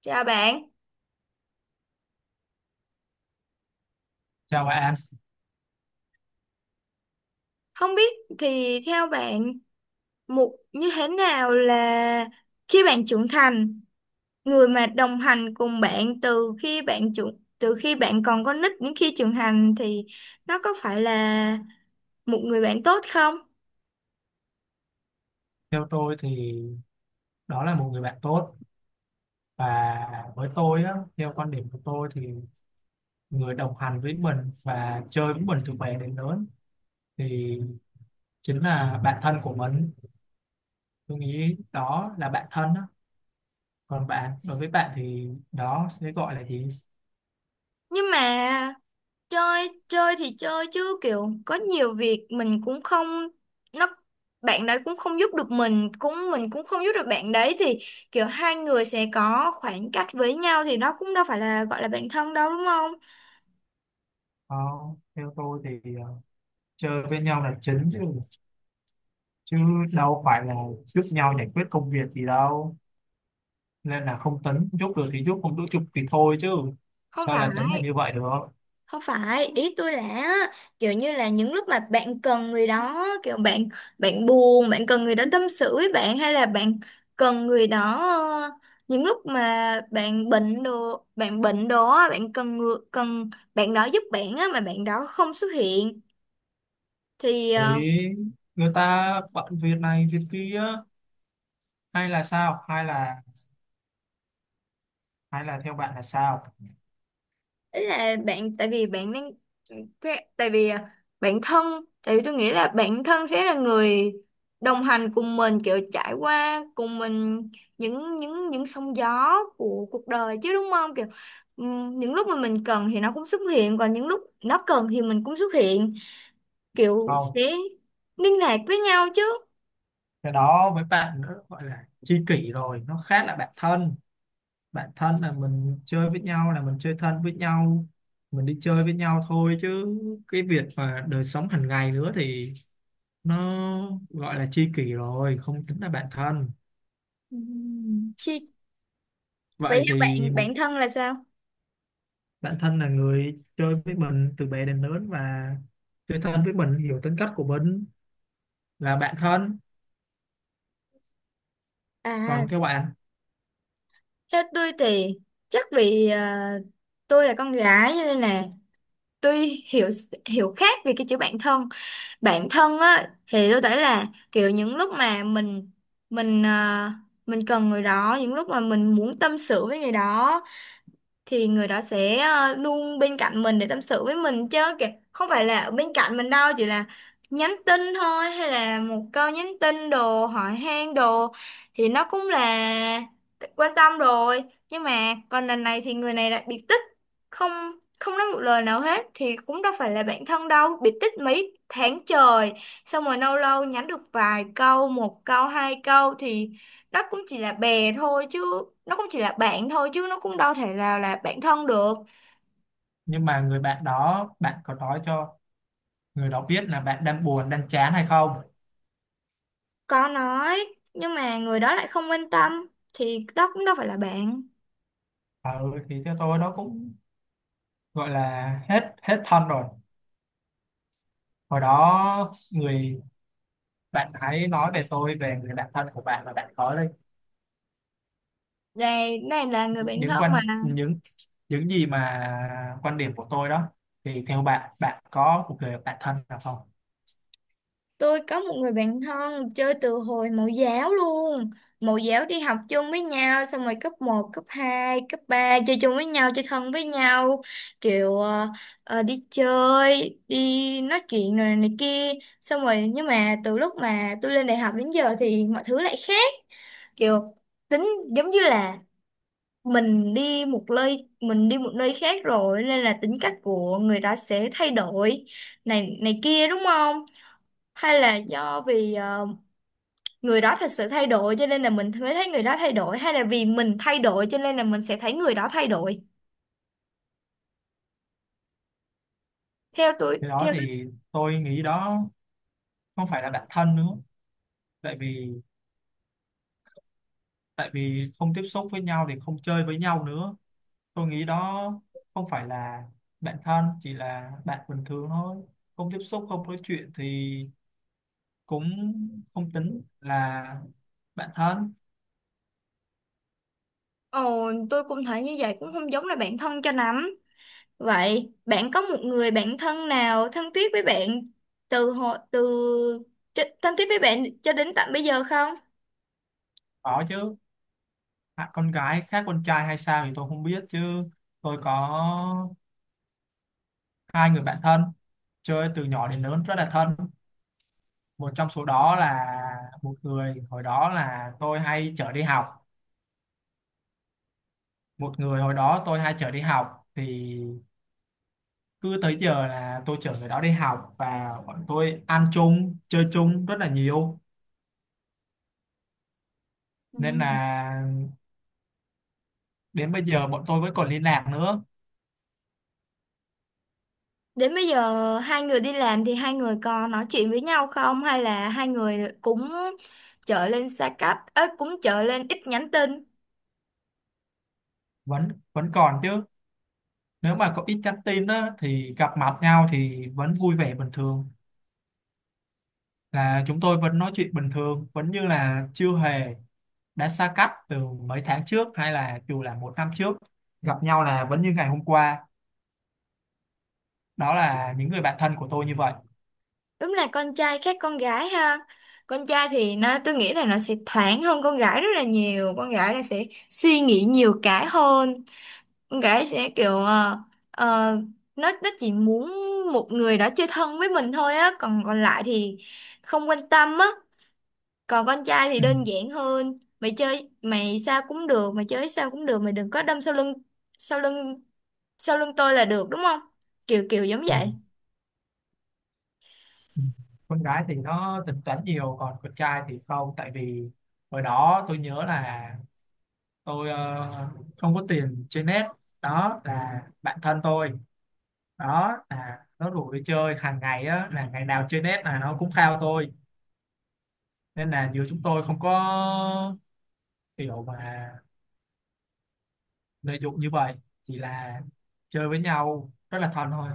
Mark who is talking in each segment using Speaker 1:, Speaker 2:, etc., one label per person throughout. Speaker 1: Chào bạn,
Speaker 2: Chào bạn.
Speaker 1: không biết thì theo bạn một như thế nào là khi bạn trưởng thành, người mà đồng hành cùng bạn từ khi bạn còn con nít đến khi trưởng thành thì nó có phải là một người bạn tốt không?
Speaker 2: Theo tôi thì đó là một người bạn tốt, và với tôi á, theo quan điểm của tôi thì người đồng hành với mình và chơi với mình từ bé đến lớn thì chính là bạn thân của mình. Tôi nghĩ đó là bạn thân á. Còn bạn, đối với bạn thì đó sẽ gọi là gì?
Speaker 1: Nhưng mà chơi chơi thì chơi chứ kiểu có nhiều việc mình cũng không nó, bạn đấy cũng không giúp được mình cũng không giúp được bạn đấy thì kiểu hai người sẽ có khoảng cách với nhau thì đó cũng đâu phải là gọi là bạn thân đâu đúng không?
Speaker 2: Ờ, theo tôi thì, chơi với nhau là chính chứ, chứ đâu phải là giúp nhau giải quyết công việc gì đâu. Nên là không tính, giúp được thì giúp, không giúp chụp thì thôi chứ.
Speaker 1: không
Speaker 2: Sao
Speaker 1: phải
Speaker 2: là tính là như vậy được?
Speaker 1: Không phải ý tôi là á, kiểu như là những lúc mà bạn cần người đó, kiểu bạn bạn buồn, bạn cần người đó tâm sự với bạn, hay là bạn cần người đó, ờ, những lúc mà bạn bệnh đồ á, cần bạn đó giúp bạn á mà bạn đó không xuất hiện thì
Speaker 2: Đấy, người ta bận việc này việc kia, hay là sao, hay là theo bạn là sao?
Speaker 1: đấy là bạn, tại vì bạn đang tại vì bạn thân, tại vì tôi nghĩ là bạn thân sẽ là người đồng hành cùng mình, kiểu trải qua cùng mình những sóng gió của cuộc đời chứ, đúng không? Kiểu những lúc mà mình cần thì nó cũng xuất hiện, còn những lúc nó cần thì mình cũng xuất hiện, kiểu
Speaker 2: Không,
Speaker 1: sẽ liên lạc với nhau chứ.
Speaker 2: cái đó với bạn nữa gọi là tri kỷ rồi, nó khác là bạn thân. Bạn thân là mình chơi với nhau, là mình chơi thân với nhau, mình đi chơi với nhau thôi, chứ cái việc mà đời sống hàng ngày nữa thì nó gọi là tri kỷ rồi, không tính là bạn thân.
Speaker 1: Chi, vậy
Speaker 2: Vậy
Speaker 1: theo
Speaker 2: thì
Speaker 1: bạn
Speaker 2: một
Speaker 1: bạn thân là sao?
Speaker 2: bạn thân là người chơi với mình từ bé đến lớn, và chơi thân với mình, hiểu tính cách của mình, là bạn thân.
Speaker 1: À,
Speaker 2: Còn theo bạn,
Speaker 1: theo tôi thì chắc vì tôi là con gái cho nên là tuy hiểu, hiểu khác về cái chữ bản thân. Bản thân á thì tôi thấy là kiểu những lúc mà mình mình cần người đó, những lúc mà mình muốn tâm sự với người đó thì người đó sẽ luôn bên cạnh mình để tâm sự với mình chứ kìa, không phải là ở bên cạnh mình đâu, chỉ là nhắn tin thôi, hay là một câu nhắn tin đồ hỏi han đồ thì nó cũng là quan tâm rồi. Nhưng mà còn lần này thì người này lại biệt tích, không không nói một lời nào hết thì cũng đâu phải là bạn thân đâu. Biệt tích mấy tháng trời xong rồi lâu lâu nhắn được vài câu, một câu hai câu thì nó cũng chỉ là bè thôi chứ, nó cũng chỉ là bạn thôi chứ, nó cũng đâu thể nào là bạn thân được.
Speaker 2: nhưng mà người bạn đó bạn có nói cho người đó biết là bạn đang buồn đang chán hay không?
Speaker 1: Có nói nhưng mà người đó lại không quan tâm thì đó cũng đâu phải là bạn.
Speaker 2: Ừ, thì theo tôi đó cũng gọi là hết hết thân rồi. Hồi đó người bạn hãy nói về tôi, về người bạn thân của bạn, và bạn có đây
Speaker 1: Này này là người bạn
Speaker 2: những
Speaker 1: thân
Speaker 2: quan,
Speaker 1: mà.
Speaker 2: những những gì mà quan điểm của tôi đó, thì theo bạn, bạn có một người bạn thân nào không?
Speaker 1: Tôi có một người bạn thân chơi từ hồi mẫu giáo luôn. Mẫu giáo đi học chung với nhau, xong rồi cấp một cấp 2 cấp 3 chơi chung với nhau, chơi thân với nhau. Kiểu đi chơi, đi nói chuyện rồi này kia. Xong rồi nhưng mà từ lúc mà tôi lên đại học đến giờ thì mọi thứ lại khác. Kiểu tính, giống như là mình đi một nơi khác rồi nên là tính cách của người đó sẽ thay đổi này này kia, đúng không? Hay là do vì người đó thật sự thay đổi cho nên là mình mới thấy người đó thay đổi, hay là vì mình thay đổi cho nên là mình sẽ thấy người đó thay đổi?
Speaker 2: Cái đó
Speaker 1: Theo tôi,
Speaker 2: thì tôi nghĩ đó không phải là bạn thân nữa, tại vì, không tiếp xúc với nhau thì không chơi với nhau nữa. Tôi nghĩ đó không phải là bạn thân, chỉ là bạn bình thường thôi. Không tiếp xúc, không nói chuyện thì cũng không tính là bạn thân.
Speaker 1: ồ tôi cũng thấy như vậy, cũng không giống là bạn thân cho lắm. Vậy bạn có một người bạn thân nào thân thiết với bạn từ hồi từ thân thiết với bạn cho đến tận bây giờ không?
Speaker 2: Có chứ. À, con gái khác con trai hay sao thì tôi không biết, chứ tôi có hai người bạn thân chơi từ nhỏ đến lớn rất là thân. Một trong số đó là một người hồi đó là tôi hay chở đi học. Một người hồi đó tôi hay chở đi học thì cứ tới giờ là tôi chở người đó đi học, và bọn tôi ăn chung chơi chung rất là nhiều,
Speaker 1: Ừ.
Speaker 2: nên là đến bây giờ bọn tôi vẫn còn liên lạc nữa.
Speaker 1: Đến bây giờ hai người đi làm thì hai người có nói chuyện với nhau không, hay là hai người cũng trở lên xa cách ấy, cũng trở lên ít nhắn tin?
Speaker 2: Vẫn vẫn còn chứ. Nếu mà có ít nhắn tin đó thì gặp mặt nhau thì vẫn vui vẻ bình thường, là chúng tôi vẫn nói chuyện bình thường, vẫn như là chưa hề đã xa cách từ mấy tháng trước, hay là dù là một năm trước, gặp nhau là vẫn như ngày hôm qua. Đó là những người bạn thân của tôi như vậy.
Speaker 1: Đúng là con trai khác con gái ha. Con trai thì nó, tôi nghĩ là nó sẽ thoáng hơn con gái rất là nhiều. Con gái là sẽ suy nghĩ nhiều cái hơn. Con gái sẽ kiểu ờ, nó chỉ muốn một người đó chơi thân với mình thôi á, còn còn lại thì không quan tâm á. Còn con trai thì
Speaker 2: Ừ.
Speaker 1: đơn giản hơn. Mày chơi mày sao cũng được, mày chơi sao cũng được, mày đừng có đâm sau lưng, sau lưng sau lưng tôi là được đúng không? Kiểu kiểu giống
Speaker 2: Ừ.
Speaker 1: vậy.
Speaker 2: Ừ. Con gái thì nó tính toán nhiều, còn con trai thì không. Tại vì hồi đó tôi nhớ là tôi, không có tiền chơi net, đó là bạn thân tôi, đó là nó rủ đi chơi hàng ngày á, là ngày nào chơi net là nó cũng khao tôi. Nên là giữa chúng tôi không có kiểu mà lợi dụng như vậy, chỉ là chơi với nhau rất là thân thôi.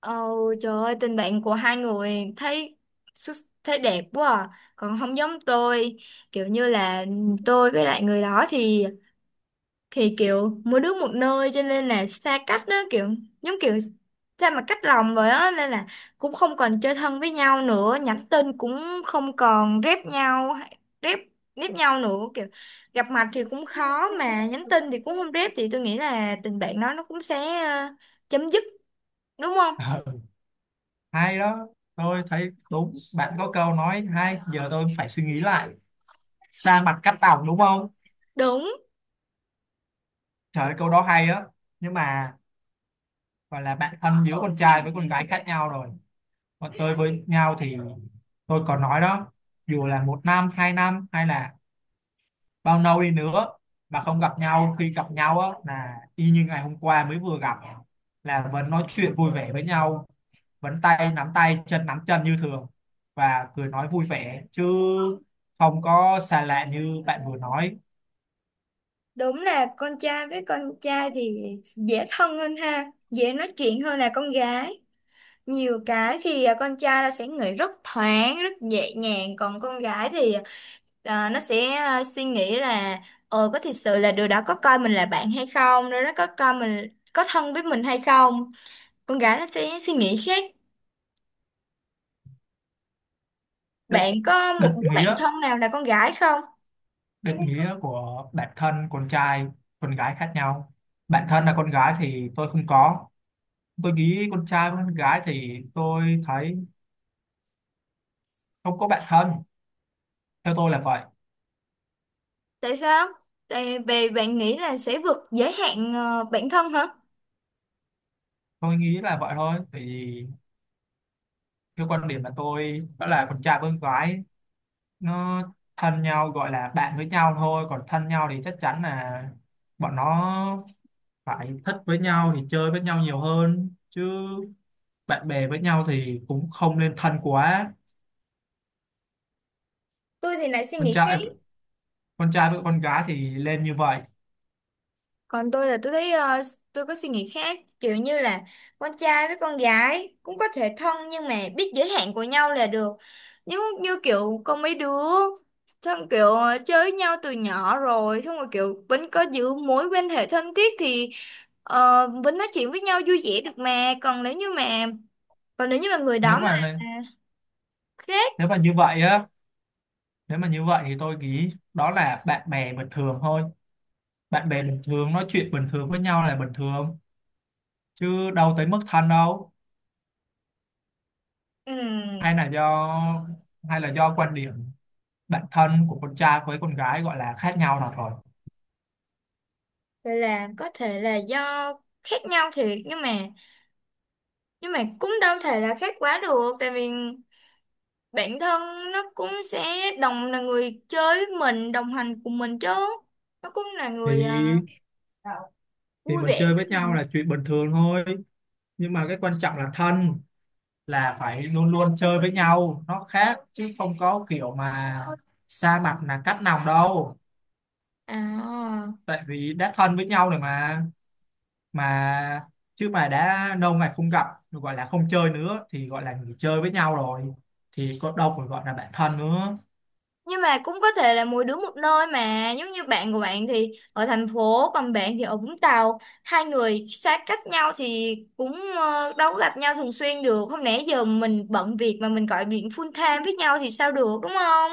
Speaker 1: Ồ, trời ơi, tình bạn của hai người thấy xuất- thấy đẹp quá à. Còn không giống tôi, kiểu như là tôi với lại người đó thì kiểu mỗi đứa một nơi cho nên là xa cách đó, kiểu giống kiểu sao mà cách lòng vậy á, nên là cũng không còn chơi thân với nhau nữa, nhắn tin cũng không còn rep nhau, rep rep nhau nữa, kiểu gặp mặt thì cũng khó mà nhắn tin thì cũng không rep, thì tôi nghĩ là tình bạn đó nó cũng sẽ chấm dứt, đúng không?
Speaker 2: Ờ, hay đó. Tôi thấy đúng, bạn có câu nói hay, giờ tôi phải suy nghĩ lại. Xa mặt cắt tóc, đúng không?
Speaker 1: Đúng.
Speaker 2: Trời ơi, câu đó hay á. Nhưng mà gọi là bạn thân giữa con trai với con gái khác nhau rồi. Còn tôi với nhau thì tôi còn nói đó, dù là một năm hai năm hay là bao lâu đi nữa mà không gặp nhau, khi gặp nhau á là y như ngày hôm qua mới vừa gặp, là vẫn nói chuyện vui vẻ với nhau, vẫn tay nắm tay chân nắm chân như thường và cười nói vui vẻ chứ, không có xa lạ như bạn vừa nói.
Speaker 1: Đúng là con trai với con trai thì dễ thân hơn ha, dễ nói chuyện hơn là con gái. Nhiều cái thì con trai là sẽ nghĩ rất thoáng, rất nhẹ nhàng, còn con gái thì nó sẽ suy nghĩ là ờ có thật sự là đứa đó có coi mình là bạn hay không, đứa đó có coi mình, có thân với mình hay không. Con gái nó sẽ suy nghĩ khác.
Speaker 2: Đứt,
Speaker 1: Bạn có một
Speaker 2: đứt
Speaker 1: đứa bạn
Speaker 2: nghĩa
Speaker 1: thân nào là con gái không?
Speaker 2: định nghĩa của bản thân con trai con gái khác nhau. Bản thân là con gái thì tôi không có. Tôi nghĩ con trai với con gái thì tôi thấy không có bạn thân, theo tôi là vậy.
Speaker 1: Tại sao? Tại vì bạn nghĩ là sẽ vượt giới hạn bản thân hả?
Speaker 2: Tôi nghĩ là vậy thôi, tại vì theo quan điểm là tôi đó là con trai với con gái, nó thân nhau gọi là bạn với nhau thôi, còn thân nhau thì chắc chắn là bọn nó phải thích với nhau thì chơi với nhau nhiều hơn chứ. Bạn bè với nhau thì cũng không nên thân quá.
Speaker 1: Tôi thì lại suy
Speaker 2: con
Speaker 1: nghĩ khác.
Speaker 2: trai con trai với con gái thì lên như vậy.
Speaker 1: Còn tôi là tôi thấy tôi có suy nghĩ khác, kiểu như là con trai với con gái cũng có thể thân nhưng mà biết giới hạn của nhau là được. Nhưng như kiểu có mấy đứa thân kiểu chơi với nhau từ nhỏ rồi xong rồi kiểu vẫn có giữ mối quan hệ thân thiết thì vẫn nói chuyện với nhau vui vẻ được mà. Còn nếu như mà người đó
Speaker 2: nếu
Speaker 1: mà
Speaker 2: mà
Speaker 1: khác.
Speaker 2: nếu mà như vậy á, nếu mà như vậy thì tôi nghĩ đó là bạn bè bình thường thôi. Bạn bè bình thường nói chuyện bình thường với nhau là bình thường, chứ đâu tới mức thân đâu.
Speaker 1: ừm,
Speaker 2: hay là do hay là do quan điểm bản thân của con trai với con gái gọi là khác nhau nào rồi.
Speaker 1: Vậy là có thể là do khác nhau thiệt, nhưng mà cũng đâu thể là khác quá được, tại vì bạn thân nó cũng sẽ đồng, là người chơi với mình, đồng hành cùng mình chứ, nó cũng là
Speaker 2: thì
Speaker 1: người
Speaker 2: thì
Speaker 1: vui
Speaker 2: mình
Speaker 1: vẻ
Speaker 2: chơi
Speaker 1: với
Speaker 2: với nhau
Speaker 1: mình.
Speaker 2: là chuyện bình thường thôi, nhưng mà cái quan trọng là thân là phải luôn luôn chơi với nhau, nó khác, chứ không có kiểu mà xa mặt là cắt lòng đâu.
Speaker 1: À
Speaker 2: Tại vì đã thân với nhau rồi mà, mà chứ mà đã lâu ngày không gặp rồi gọi là không chơi nữa thì gọi là nghỉ chơi với nhau rồi, thì có đâu còn gọi là bạn thân nữa.
Speaker 1: nhưng mà cũng có thể là mỗi đứa một nơi, mà giống như bạn của bạn thì ở thành phố còn bạn thì ở Vũng Tàu, hai người xa cách nhau thì cũng đâu có gặp nhau thường xuyên được, không lẽ giờ mình bận việc mà mình gọi điện full time với nhau thì sao được đúng không?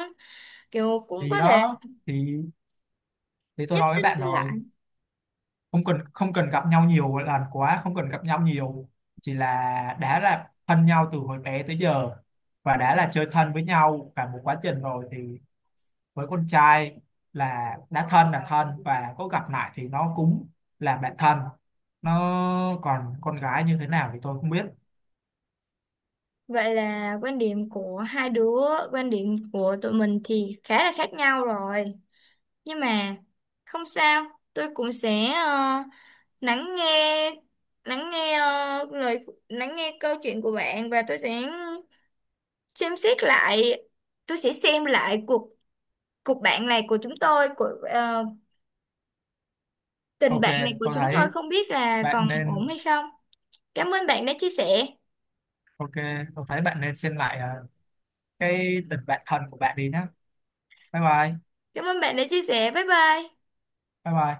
Speaker 1: Kiểu cũng
Speaker 2: Thì
Speaker 1: có thể
Speaker 2: đó thì thì tôi
Speaker 1: nhắn
Speaker 2: nói với
Speaker 1: tin
Speaker 2: bạn
Speaker 1: cho lại.
Speaker 2: rồi, không cần gặp nhau nhiều lần quá, không cần gặp nhau nhiều, chỉ là đã là thân nhau từ hồi bé tới giờ và đã là chơi thân với nhau cả một quá trình rồi, thì với con trai là đã thân là thân, và có gặp lại thì nó cũng là bạn thân nó. Còn con gái như thế nào thì tôi không biết.
Speaker 1: Vậy là quan điểm của hai đứa, quan điểm của tụi mình thì khá là khác nhau rồi. Nhưng mà không sao, tôi cũng sẽ lắng nghe, lắng nghe câu chuyện của bạn và tôi sẽ xem xét lại, tôi sẽ xem lại cuộc cuộc bạn này của chúng tôi, của tình
Speaker 2: ok
Speaker 1: bạn này của
Speaker 2: tôi
Speaker 1: chúng tôi
Speaker 2: thấy
Speaker 1: không biết là
Speaker 2: bạn
Speaker 1: còn ổn
Speaker 2: nên
Speaker 1: hay không. Cảm ơn bạn đã chia sẻ.
Speaker 2: ok, tôi thấy bạn nên xem lại cái tình bạn thân của bạn đi nhé. Bye bye.
Speaker 1: Cảm ơn bạn đã chia sẻ. Bye bye.
Speaker 2: Bye bye.